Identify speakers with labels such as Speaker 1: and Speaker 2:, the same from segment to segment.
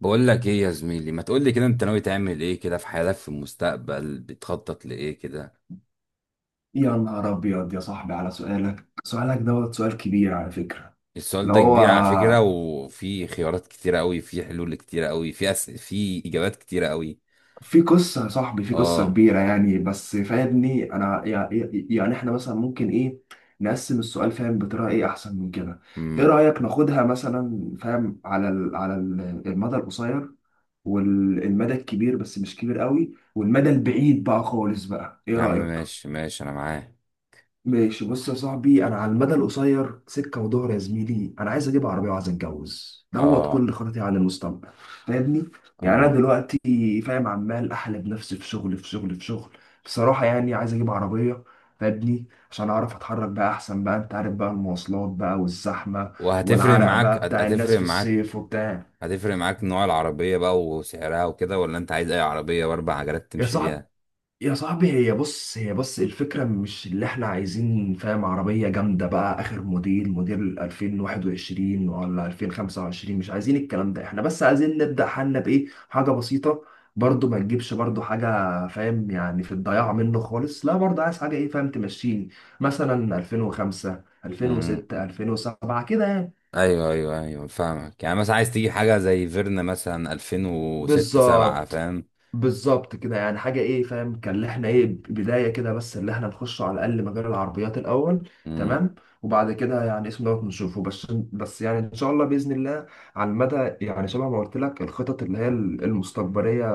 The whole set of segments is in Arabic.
Speaker 1: بقول لك ايه يا زميلي، ما تقول لي كده، انت ناوي تعمل ايه كده في حياتك؟ في المستقبل بتخطط لايه كده؟
Speaker 2: يا نهار أبيض يا صاحبي على سؤالك، سؤال كبير على فكرة.
Speaker 1: السؤال
Speaker 2: اللي
Speaker 1: ده
Speaker 2: هو
Speaker 1: كبير على فكرة، وفي خيارات كتيرة قوي، في حلول كتيرة قوي، في اجابات كتيرة قوي.
Speaker 2: في قصة يا صاحبي، في قصة
Speaker 1: اه.
Speaker 2: كبيرة يعني، بس فاهمني أنا يعني. يعني إحنا مثلا ممكن إيه، نقسم السؤال فاهم بطريقة إيه أحسن من كده. إيه
Speaker 1: امم
Speaker 2: رأيك ناخدها مثلا فاهم على المدى القصير، والمدى الكبير بس مش كبير قوي، والمدى البعيد بقى خالص بقى، إيه
Speaker 1: يا عم
Speaker 2: رأيك؟
Speaker 1: ماشي ماشي، انا معاه.
Speaker 2: ماشي بص يا صاحبي، انا على المدى القصير سكه ودهر يا زميلي. انا عايز اجيب عربيه وعايز اتجوز،
Speaker 1: اه،
Speaker 2: كل خططي عن المستقبل. فاهمني، يعني انا
Speaker 1: اه.
Speaker 2: دلوقتي فاهم عمال احلب نفسي في شغل في شغل في شغل. بصراحه يعني عايز اجيب عربيه فاهمني، عشان اعرف اتحرك بقى احسن بقى، انت عارف بقى المواصلات بقى والزحمه، والعرق بقى بتاع الناس
Speaker 1: هتفرق
Speaker 2: في الصيف
Speaker 1: معاك
Speaker 2: وبتاع.
Speaker 1: هتفرق معاك نوع العربية بقى وسعرها وكده، ولا انت عايز اي عربية باربع عجلات
Speaker 2: يا
Speaker 1: تمشي
Speaker 2: صاحبي،
Speaker 1: بيها؟
Speaker 2: يا صاحبي، هي بص الفكرة مش اللي احنا عايزين فاهم عربية جامدة بقى آخر موديل، موديل 2021 ولا 2025. مش عايزين الكلام ده، احنا بس عايزين نبدأ حالنا بإيه، حاجة بسيطة. برضو ما تجيبش برضو حاجة فاهم يعني في الضياع منه خالص، لا برضو عايز حاجة إيه فاهم تمشيني، مثلا 2005،
Speaker 1: امم.
Speaker 2: 2006، 2007 كده يعني.
Speaker 1: ايوه، ايوه، ايوه، فاهمك. يعني مثلا عايز تجيب حاجه زي فيرنا مثلا 2006، 7،
Speaker 2: بالظبط،
Speaker 1: فاهم.
Speaker 2: بالظبط كده. يعني حاجة ايه فاهم كان، اللي احنا ايه بداية كده، بس اللي احنا نخش على الأقل مجال العربيات الأول.
Speaker 1: مم،
Speaker 2: تمام. وبعد كده يعني اسم نشوفه، بس يعني إن شاء الله بإذن الله. على المدى، يعني شبه ما قلت لك الخطط اللي هي المستقبلية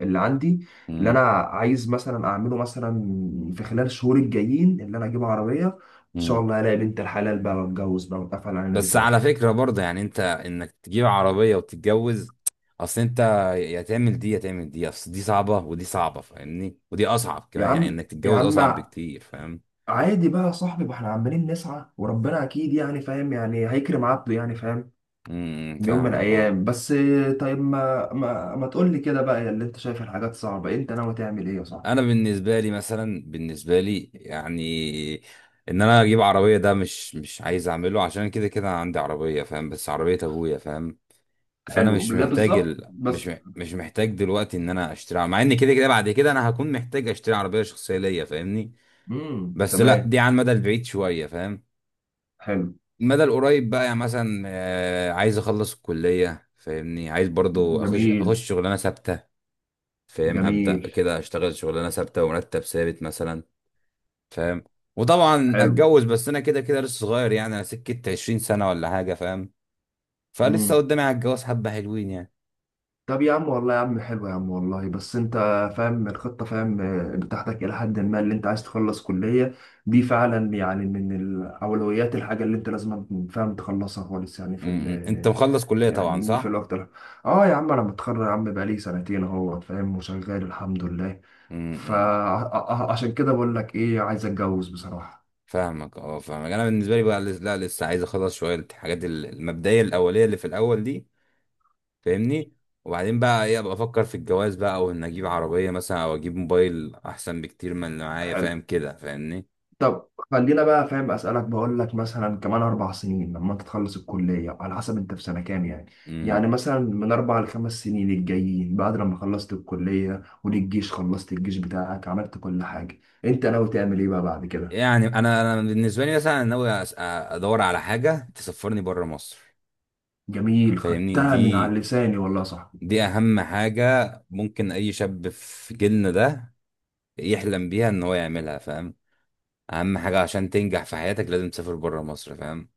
Speaker 2: اللي عندي، اللي أنا
Speaker 1: مم،
Speaker 2: عايز مثلا أعمله مثلا في خلال الشهور الجايين، اللي أنا أجيب عربية، إن شاء
Speaker 1: مم.
Speaker 2: الله ألاقي بنت الحلال بقى وأتجوز بقى وأتقفل علينا
Speaker 1: بس
Speaker 2: بيت
Speaker 1: على
Speaker 2: واحد.
Speaker 1: فكره برضه، يعني انت انك تجيب عربيه وتتجوز، اصل انت يا تعمل دي يا تعمل دي، اصل دي صعبه ودي صعبه فاهمني، ودي اصعب
Speaker 2: يا
Speaker 1: كمان، يعني
Speaker 2: عم
Speaker 1: انك
Speaker 2: يا
Speaker 1: تتجوز
Speaker 2: عم
Speaker 1: اصعب بكتير فاهم.
Speaker 2: عادي بقى يا صاحبي، ما احنا عمالين نسعى وربنا اكيد يعني فاهم يعني هيكرم عبده يعني فاهم.
Speaker 1: امم
Speaker 2: بيوم من
Speaker 1: فاهمك اه.
Speaker 2: الايام. بس طيب ما تقول لي كده بقى، يا اللي انت شايف الحاجات صعبة، انت ناوي تعمل ايه يا صاحبي؟
Speaker 1: انا بالنسبه لي مثلا، بالنسبه لي يعني ان انا اجيب عربيه ده مش عايز اعمله، عشان كده كده أنا عندي عربيه فاهم، بس عربيه ابويا فاهم. فانا
Speaker 2: حلو
Speaker 1: مش
Speaker 2: لا
Speaker 1: محتاج
Speaker 2: بالظبط
Speaker 1: ال... مش
Speaker 2: بس،
Speaker 1: مح- مش محتاج دلوقتي ان انا اشتري عربية. مع ان كده كده بعد كده انا هكون محتاج اشتري عربيه شخصيه ليا فاهمني. بس لا،
Speaker 2: تمام.
Speaker 1: دي على المدى البعيد شويه فاهم.
Speaker 2: حلو.
Speaker 1: المدى القريب بقى، يعني مثلا عايز اخلص الكليه فاهمني، عايز برضو اخش
Speaker 2: جميل.
Speaker 1: اخش شغلانه ثابته. فاهم ابدا
Speaker 2: جميل.
Speaker 1: كده، اشتغل شغلانه ثابته ومرتب ثابت مثلا، فاهم. وطبعا
Speaker 2: حلو.
Speaker 1: اتجوز، بس انا كده كده لسه صغير، يعني انا سكه 20 سنه ولا حاجه فاهم. فلسه
Speaker 2: مم.
Speaker 1: قدامي على الجواز حبه حلوين يعني.
Speaker 2: طب يا عم والله، يا عم حلو يا عم والله. بس انت فاهم الخطة فاهم بتاعتك الى حد ما، اللي انت عايز تخلص كلية، دي فعلا يعني من الاولويات، الحاجة اللي انت لازم فاهم تخلصها خالص يعني في ال،
Speaker 1: م- م. انت مخلص كليه طبعا،
Speaker 2: يعني في
Speaker 1: صح؟
Speaker 2: الوقت ده. اه يا عم، انا متخرج يا عم بقالي سنتين اهو فاهم، وشغال الحمد لله.
Speaker 1: امم
Speaker 2: فعشان كده بقول لك ايه، عايز اتجوز بصراحة.
Speaker 1: فاهمك اه، فاهمك. انا بالنسبه لي بقى، لا لسه عايز اخلص شويه الحاجات المبدئيه الاوليه اللي في الاول دي، فاهمني. وبعدين بقى ايه، ابقى افكر في الجواز بقى، او ان اجيب عربيه مثلا، او اجيب موبايل احسن بكتير من اللي معايا فاهم كده، فاهمني.
Speaker 2: طب خلينا بقى فاهم اسالك، بقول لك مثلا كمان اربع سنين لما انت تخلص الكليه، على حسب انت في سنه كام يعني، يعني
Speaker 1: امم
Speaker 2: مثلا من اربع لخمس سنين الجايين، بعد لما خلصت الكليه والجيش، خلصت الجيش بتاعك، عملت كل حاجه، انت ناوي تعمل ايه بقى بعد كده؟
Speaker 1: يعني انا بالنسبه لي مثلا، ناوي ادور على حاجه تسفرني بره مصر
Speaker 2: جميل،
Speaker 1: فاهمني.
Speaker 2: خدتها من
Speaker 1: دي
Speaker 2: على لساني والله يا صاحبي.
Speaker 1: دي اهم حاجه ممكن اي شاب في جيلنا ده يحلم بيها ان هو يعملها فاهم. اهم حاجه عشان تنجح في حياتك، لازم تسافر بره مصر فاهم.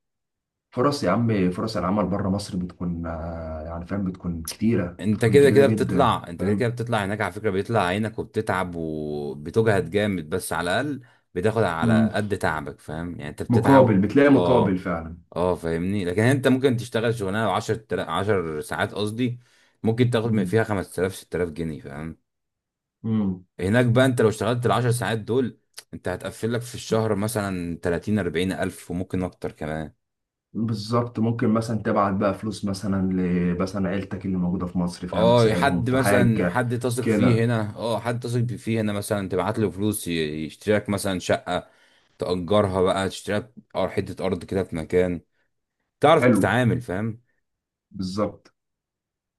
Speaker 2: فرص يا عم، فرص العمل بره مصر بتكون يعني فاهم بتكون كتيره، بتكون كتيره جدا
Speaker 1: انت كده كده
Speaker 2: فاهم.
Speaker 1: بتطلع هناك على فكره، بيطلع عينك وبتتعب وبتجهد جامد، بس على الاقل بتاخد
Speaker 2: مم.
Speaker 1: على قد تعبك فاهم، يعني انت بتتعب
Speaker 2: مقابل، بتلاقي مقابل
Speaker 1: اه،
Speaker 2: فعلا.
Speaker 1: اه، فاهمني. لكن انت ممكن تشتغل شغلانه 10 ساعات قصدي، ممكن تاخد من
Speaker 2: مم.
Speaker 1: فيها 5000، 6000 جنيه فاهم.
Speaker 2: مم.
Speaker 1: هناك بقى انت لو اشتغلت ال 10 ساعات دول، انت هتقفل لك في الشهر مثلا 30، 40 الف وممكن اكتر كمان.
Speaker 2: بالظبط، ممكن مثلا تبعت بقى فلوس مثلا ل مثلا عيلتك اللي موجودة في مصر فاهم،
Speaker 1: اه،
Speaker 2: تساعدهم
Speaker 1: حد
Speaker 2: في
Speaker 1: مثلا،
Speaker 2: حاجة
Speaker 1: حد تثق فيه
Speaker 2: كده.
Speaker 1: هنا، اه حد تثق فيه هنا مثلا تبعت له فلوس يشتريلك مثلا شقة تأجرها بقى، تشتريلك حتة أرض كده في مكان تعرف
Speaker 2: حلو.
Speaker 1: تتعامل فاهم.
Speaker 2: بالظبط.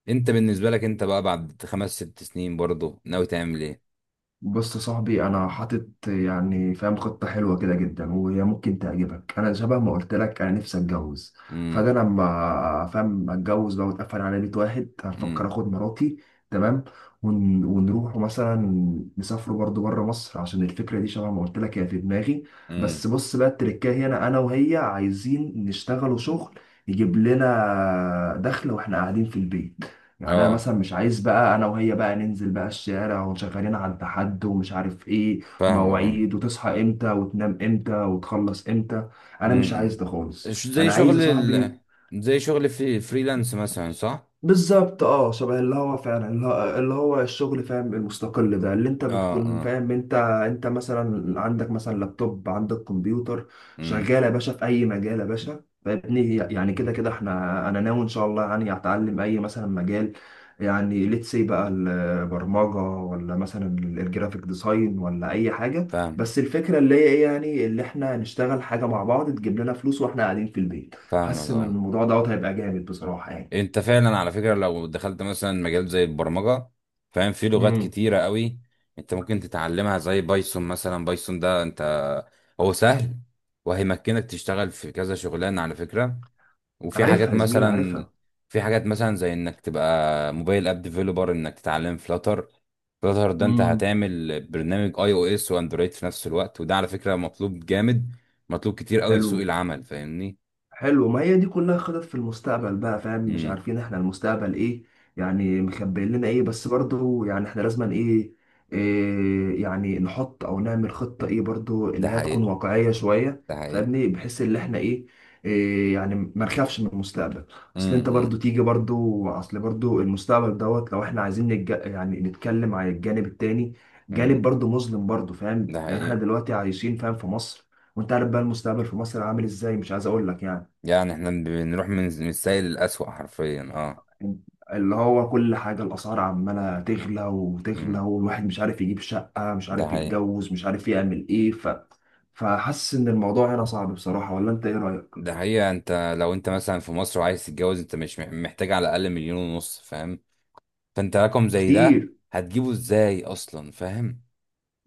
Speaker 1: انت بالنسبة لك انت بقى بعد 5 6 سنين برضه ناوي تعمل ايه؟
Speaker 2: بص يا صاحبي، انا حاطط يعني فاهم خطه حلوه كده جدا وهي ممكن تعجبك. انا شبه ما قلت لك، انا نفسي اتجوز. فانا
Speaker 1: امم
Speaker 2: لما فاهم اتجوز بقى واتقفل على بيت واحد، هفكر
Speaker 1: امم
Speaker 2: اخد مراتي. تمام. ونروح مثلا، نسافروا برضو بره مصر، عشان الفكره دي شبه ما قلت لك هي في دماغي.
Speaker 1: امم
Speaker 2: بس بص بقى، التركايه هنا انا وهي عايزين نشتغلوا شغل، يجيب لنا دخل واحنا قاعدين في البيت. يعني انا
Speaker 1: اه
Speaker 2: مثلا مش عايز بقى انا وهي بقى ننزل بقى الشارع وشغالين على التحد ومش عارف ايه،
Speaker 1: فاهمة فاهم.
Speaker 2: ومواعيد وتصحى امتى وتنام امتى وتخلص امتى. انا مش عايز
Speaker 1: امم
Speaker 2: ده خالص،
Speaker 1: زي
Speaker 2: انا عايز يا
Speaker 1: شغل
Speaker 2: صاحبي.
Speaker 1: زي شغل في فريلانس مثلا، صح؟
Speaker 2: بالظبط اه، شبه اللي هو فعلا اللي هو الشغل فاهم المستقل ده، اللي انت
Speaker 1: اه،
Speaker 2: بتكون
Speaker 1: اه.
Speaker 2: فاهم، انت مثلا عندك مثلا لابتوب، عندك كمبيوتر،
Speaker 1: امم
Speaker 2: شغال يا باشا في اي مجال يا باشا. فابني يعني كده كده احنا، انا ناوي ان شاء الله يعني اتعلم اي مثلا مجال، يعني ليتس سي بقى البرمجه، ولا مثلا الجرافيك ديزاين، ولا اي حاجه.
Speaker 1: فاهم،
Speaker 2: بس الفكره اللي هي ايه يعني، اللي احنا نشتغل حاجه مع بعض تجيب لنا فلوس واحنا قاعدين في البيت.
Speaker 1: فاهمك
Speaker 2: حاسس ان
Speaker 1: اه.
Speaker 2: الموضوع هيبقى جامد بصراحه يعني.
Speaker 1: انت فعلا على فكرة، لو دخلت مثلا مجال زي البرمجة فاهم، في لغات كتيرة قوي انت ممكن تتعلمها زي بايثون مثلا. بايثون ده انت هو سهل، وهيمكنك تشتغل في كذا شغلانة على فكرة. وفي حاجات
Speaker 2: عارفها يا زميلي
Speaker 1: مثلا،
Speaker 2: عارفها
Speaker 1: زي انك تبقى موبايل اب ديفلوبر، انك تتعلم فلاتر. فلاتر ده انت
Speaker 2: امم
Speaker 1: هتعمل برنامج اي او اس واندرويد في نفس الوقت، وده على فكرة مطلوب جامد، مطلوب كتير قوي في سوق
Speaker 2: حلو.
Speaker 1: العمل فاهمني.
Speaker 2: حلو. ما هي دي كلها خطط في المستقبل بقى فاهم، مش
Speaker 1: امم
Speaker 2: عارفين احنا المستقبل ايه، يعني مخبئين لنا ايه. بس برضو يعني احنا لازم إيه يعني، نحط او نعمل خطة ايه، برضو
Speaker 1: ده
Speaker 2: انها تكون
Speaker 1: حقيقة،
Speaker 2: واقعية شوية
Speaker 1: ده حقيقة.
Speaker 2: فاهمني، بحيث ان احنا إيه يعني ما نخافش من المستقبل. اصل انت
Speaker 1: امم
Speaker 2: برضو تيجي برضو، اصل برضو المستقبل لو احنا عايزين يعني نتكلم على الجانب التاني، جانب
Speaker 1: امم
Speaker 2: برضو مظلم برضو فاهم.
Speaker 1: ده
Speaker 2: يعني احنا
Speaker 1: حقيقي.
Speaker 2: دلوقتي عايشين فاهم في مصر، وانت عارف بقى المستقبل في مصر عامل ازاي، مش عايز اقول لك يعني.
Speaker 1: يعني احنا بنروح من السيء للأسوأ حرفيا، اه.
Speaker 2: اللي هو كل حاجة، الأسعار عمالة تغلى وتغلى،
Speaker 1: امم
Speaker 2: والواحد مش عارف يجيب شقة، مش
Speaker 1: ده
Speaker 2: عارف
Speaker 1: حقيقي،
Speaker 2: يتجوز، مش عارف يعمل إيه فحاسس إن الموضوع هنا صعب بصراحة، ولا أنت إيه رأيك؟
Speaker 1: ده حقيقي. انت لو انت مثلا في مصر وعايز تتجوز، انت مش محتاج على الأقل 1.5 مليون فاهم. فانت رقم زي ده
Speaker 2: كتير.
Speaker 1: هتجيبه ازاي أصلا فاهم؟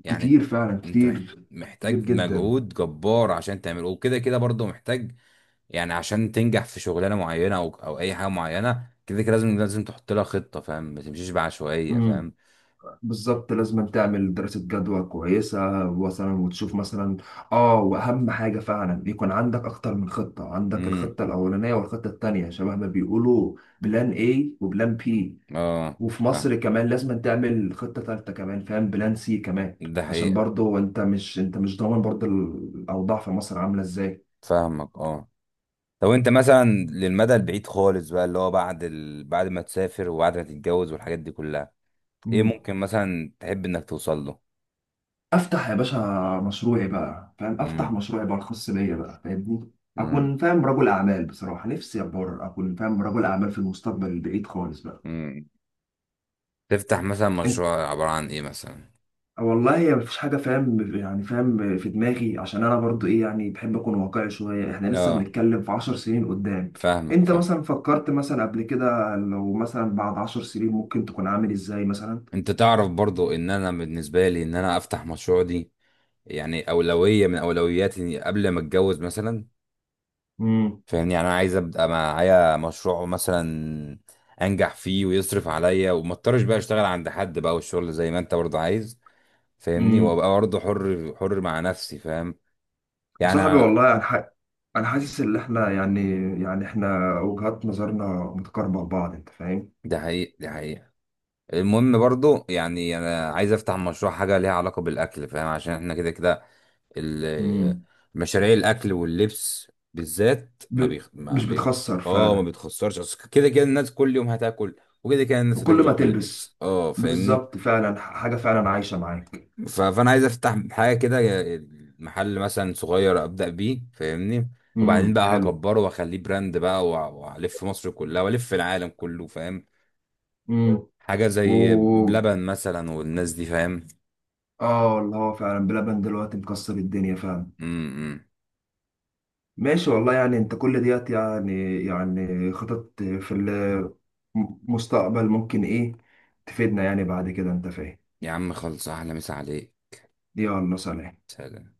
Speaker 1: يعني
Speaker 2: كتير فعلا،
Speaker 1: انت
Speaker 2: كتير. كتير
Speaker 1: محتاج
Speaker 2: جدا.
Speaker 1: مجهود جبار عشان تعمله، وكده كده برضه محتاج يعني. عشان تنجح في شغلانة معينة أو أي حاجة معينة، كده كده لازم تحط لها خطة فاهم، ما تمشيش بعشوائية
Speaker 2: امم
Speaker 1: فاهم.
Speaker 2: بالظبط، لازم تعمل دراسة جدوى كويسة مثلا، وتشوف مثلا. اه، واهم حاجة فعلا يكون عندك اكتر من خطة، عندك
Speaker 1: امم
Speaker 2: الخطة الاولانية والخطة التانية شبه ما بيقولوا، بلان A وبلان B.
Speaker 1: اه
Speaker 2: وفي
Speaker 1: فاهم.
Speaker 2: مصر كمان لازم تعمل خطة ثالثة كمان فاهم، بلان سي كمان،
Speaker 1: ده
Speaker 2: عشان
Speaker 1: حقيقي.
Speaker 2: برضو انت مش ضامن برضو الأوضاع في مصر عاملة ازاي.
Speaker 1: فاهمك اه. طب انت مثلا للمدى البعيد خالص بقى اللي هو بعد بعد ما تسافر وبعد ما تتجوز والحاجات دي كلها، ايه
Speaker 2: مم.
Speaker 1: ممكن مثلا تحب انك توصل له؟
Speaker 2: افتح يا باشا مشروعي بقى فاهم، افتح
Speaker 1: امم
Speaker 2: مشروعي بقى الخاص بيا بقى فاهمني.
Speaker 1: مم.
Speaker 2: اكون فاهم رجل اعمال، بصراحة نفسي ابقى اكون فاهم رجل اعمال في المستقبل البعيد خالص بقى.
Speaker 1: مم. تفتح مثلا مشروع عبارة عن ايه مثلا؟
Speaker 2: والله هي مفيش حاجة فاهم يعني فاهم في دماغي، عشان أنا برضو إيه يعني بحب أكون واقعي شوية، إحنا لسه
Speaker 1: اه،
Speaker 2: بنتكلم في عشر سنين قدام.
Speaker 1: فاهمك
Speaker 2: أنت
Speaker 1: فاهم.
Speaker 2: مثلا فكرت مثلا قبل كده لو مثلا بعد عشر سنين ممكن تكون عامل إزاي مثلا؟
Speaker 1: انت تعرف برضو ان انا بالنسبة لي ان انا افتح مشروع دي يعني اولوية من اولوياتي قبل ما اتجوز مثلا،
Speaker 2: امم
Speaker 1: فاهمني. يعني انا عايز ابقى معايا مشروع مثلا انجح فيه ويصرف عليا، وما اضطرش بقى اشتغل عند حد بقى، والشغل زي ما انت برضه عايز، فاهمني.
Speaker 2: امم
Speaker 1: وابقى برضه حر حر مع نفسي فاهم.
Speaker 2: يا
Speaker 1: يعني
Speaker 2: صاحبي
Speaker 1: أنا-
Speaker 2: والله انا انا حاسس ان احنا يعني، يعني احنا وجهات نظرنا متقاربه لبعض انت فاهم.
Speaker 1: ده حقيقي، ده حقيقي. المهم برضه يعني انا عايز افتح مشروع حاجه ليها علاقه بالاكل فاهم، عشان احنا كده كده ال-
Speaker 2: امم
Speaker 1: مشاريع الاكل واللبس بالذات ما
Speaker 2: ب...
Speaker 1: بيخ... ما
Speaker 2: مش
Speaker 1: بي...
Speaker 2: بتخسر
Speaker 1: اه ما
Speaker 2: فعلا.
Speaker 1: بتخسرش. أصل كده كده الناس كل يوم هتاكل، وكده كده الناس
Speaker 2: وكل ما
Speaker 1: هتفضل تلبس
Speaker 2: تلبس،
Speaker 1: اه، فاهمني.
Speaker 2: بالظبط فعلا، حاجه فعلا عايشه معاك.
Speaker 1: فانا عايز افتح حاجه كده، محل مثلا صغير ابدا بيه، فاهمني. وبعدين بقى
Speaker 2: حلو.
Speaker 1: هكبره واخليه براند بقى والف مصر كلها والف العالم كله فاهم. حاجه زي
Speaker 2: و،
Speaker 1: بلبن مثلا والناس دي فاهم.
Speaker 2: اه اللي هو فعلا بلبن دلوقتي مكسر الدنيا فعلا.
Speaker 1: امم
Speaker 2: ماشي والله، يعني انت كل ديت يعني يعني خطط في المستقبل، ممكن ايه تفيدنا يعني بعد كده انت فاهم.
Speaker 1: يا عم خلص، احلى مسا عليك.
Speaker 2: يلا سلام.
Speaker 1: سلام.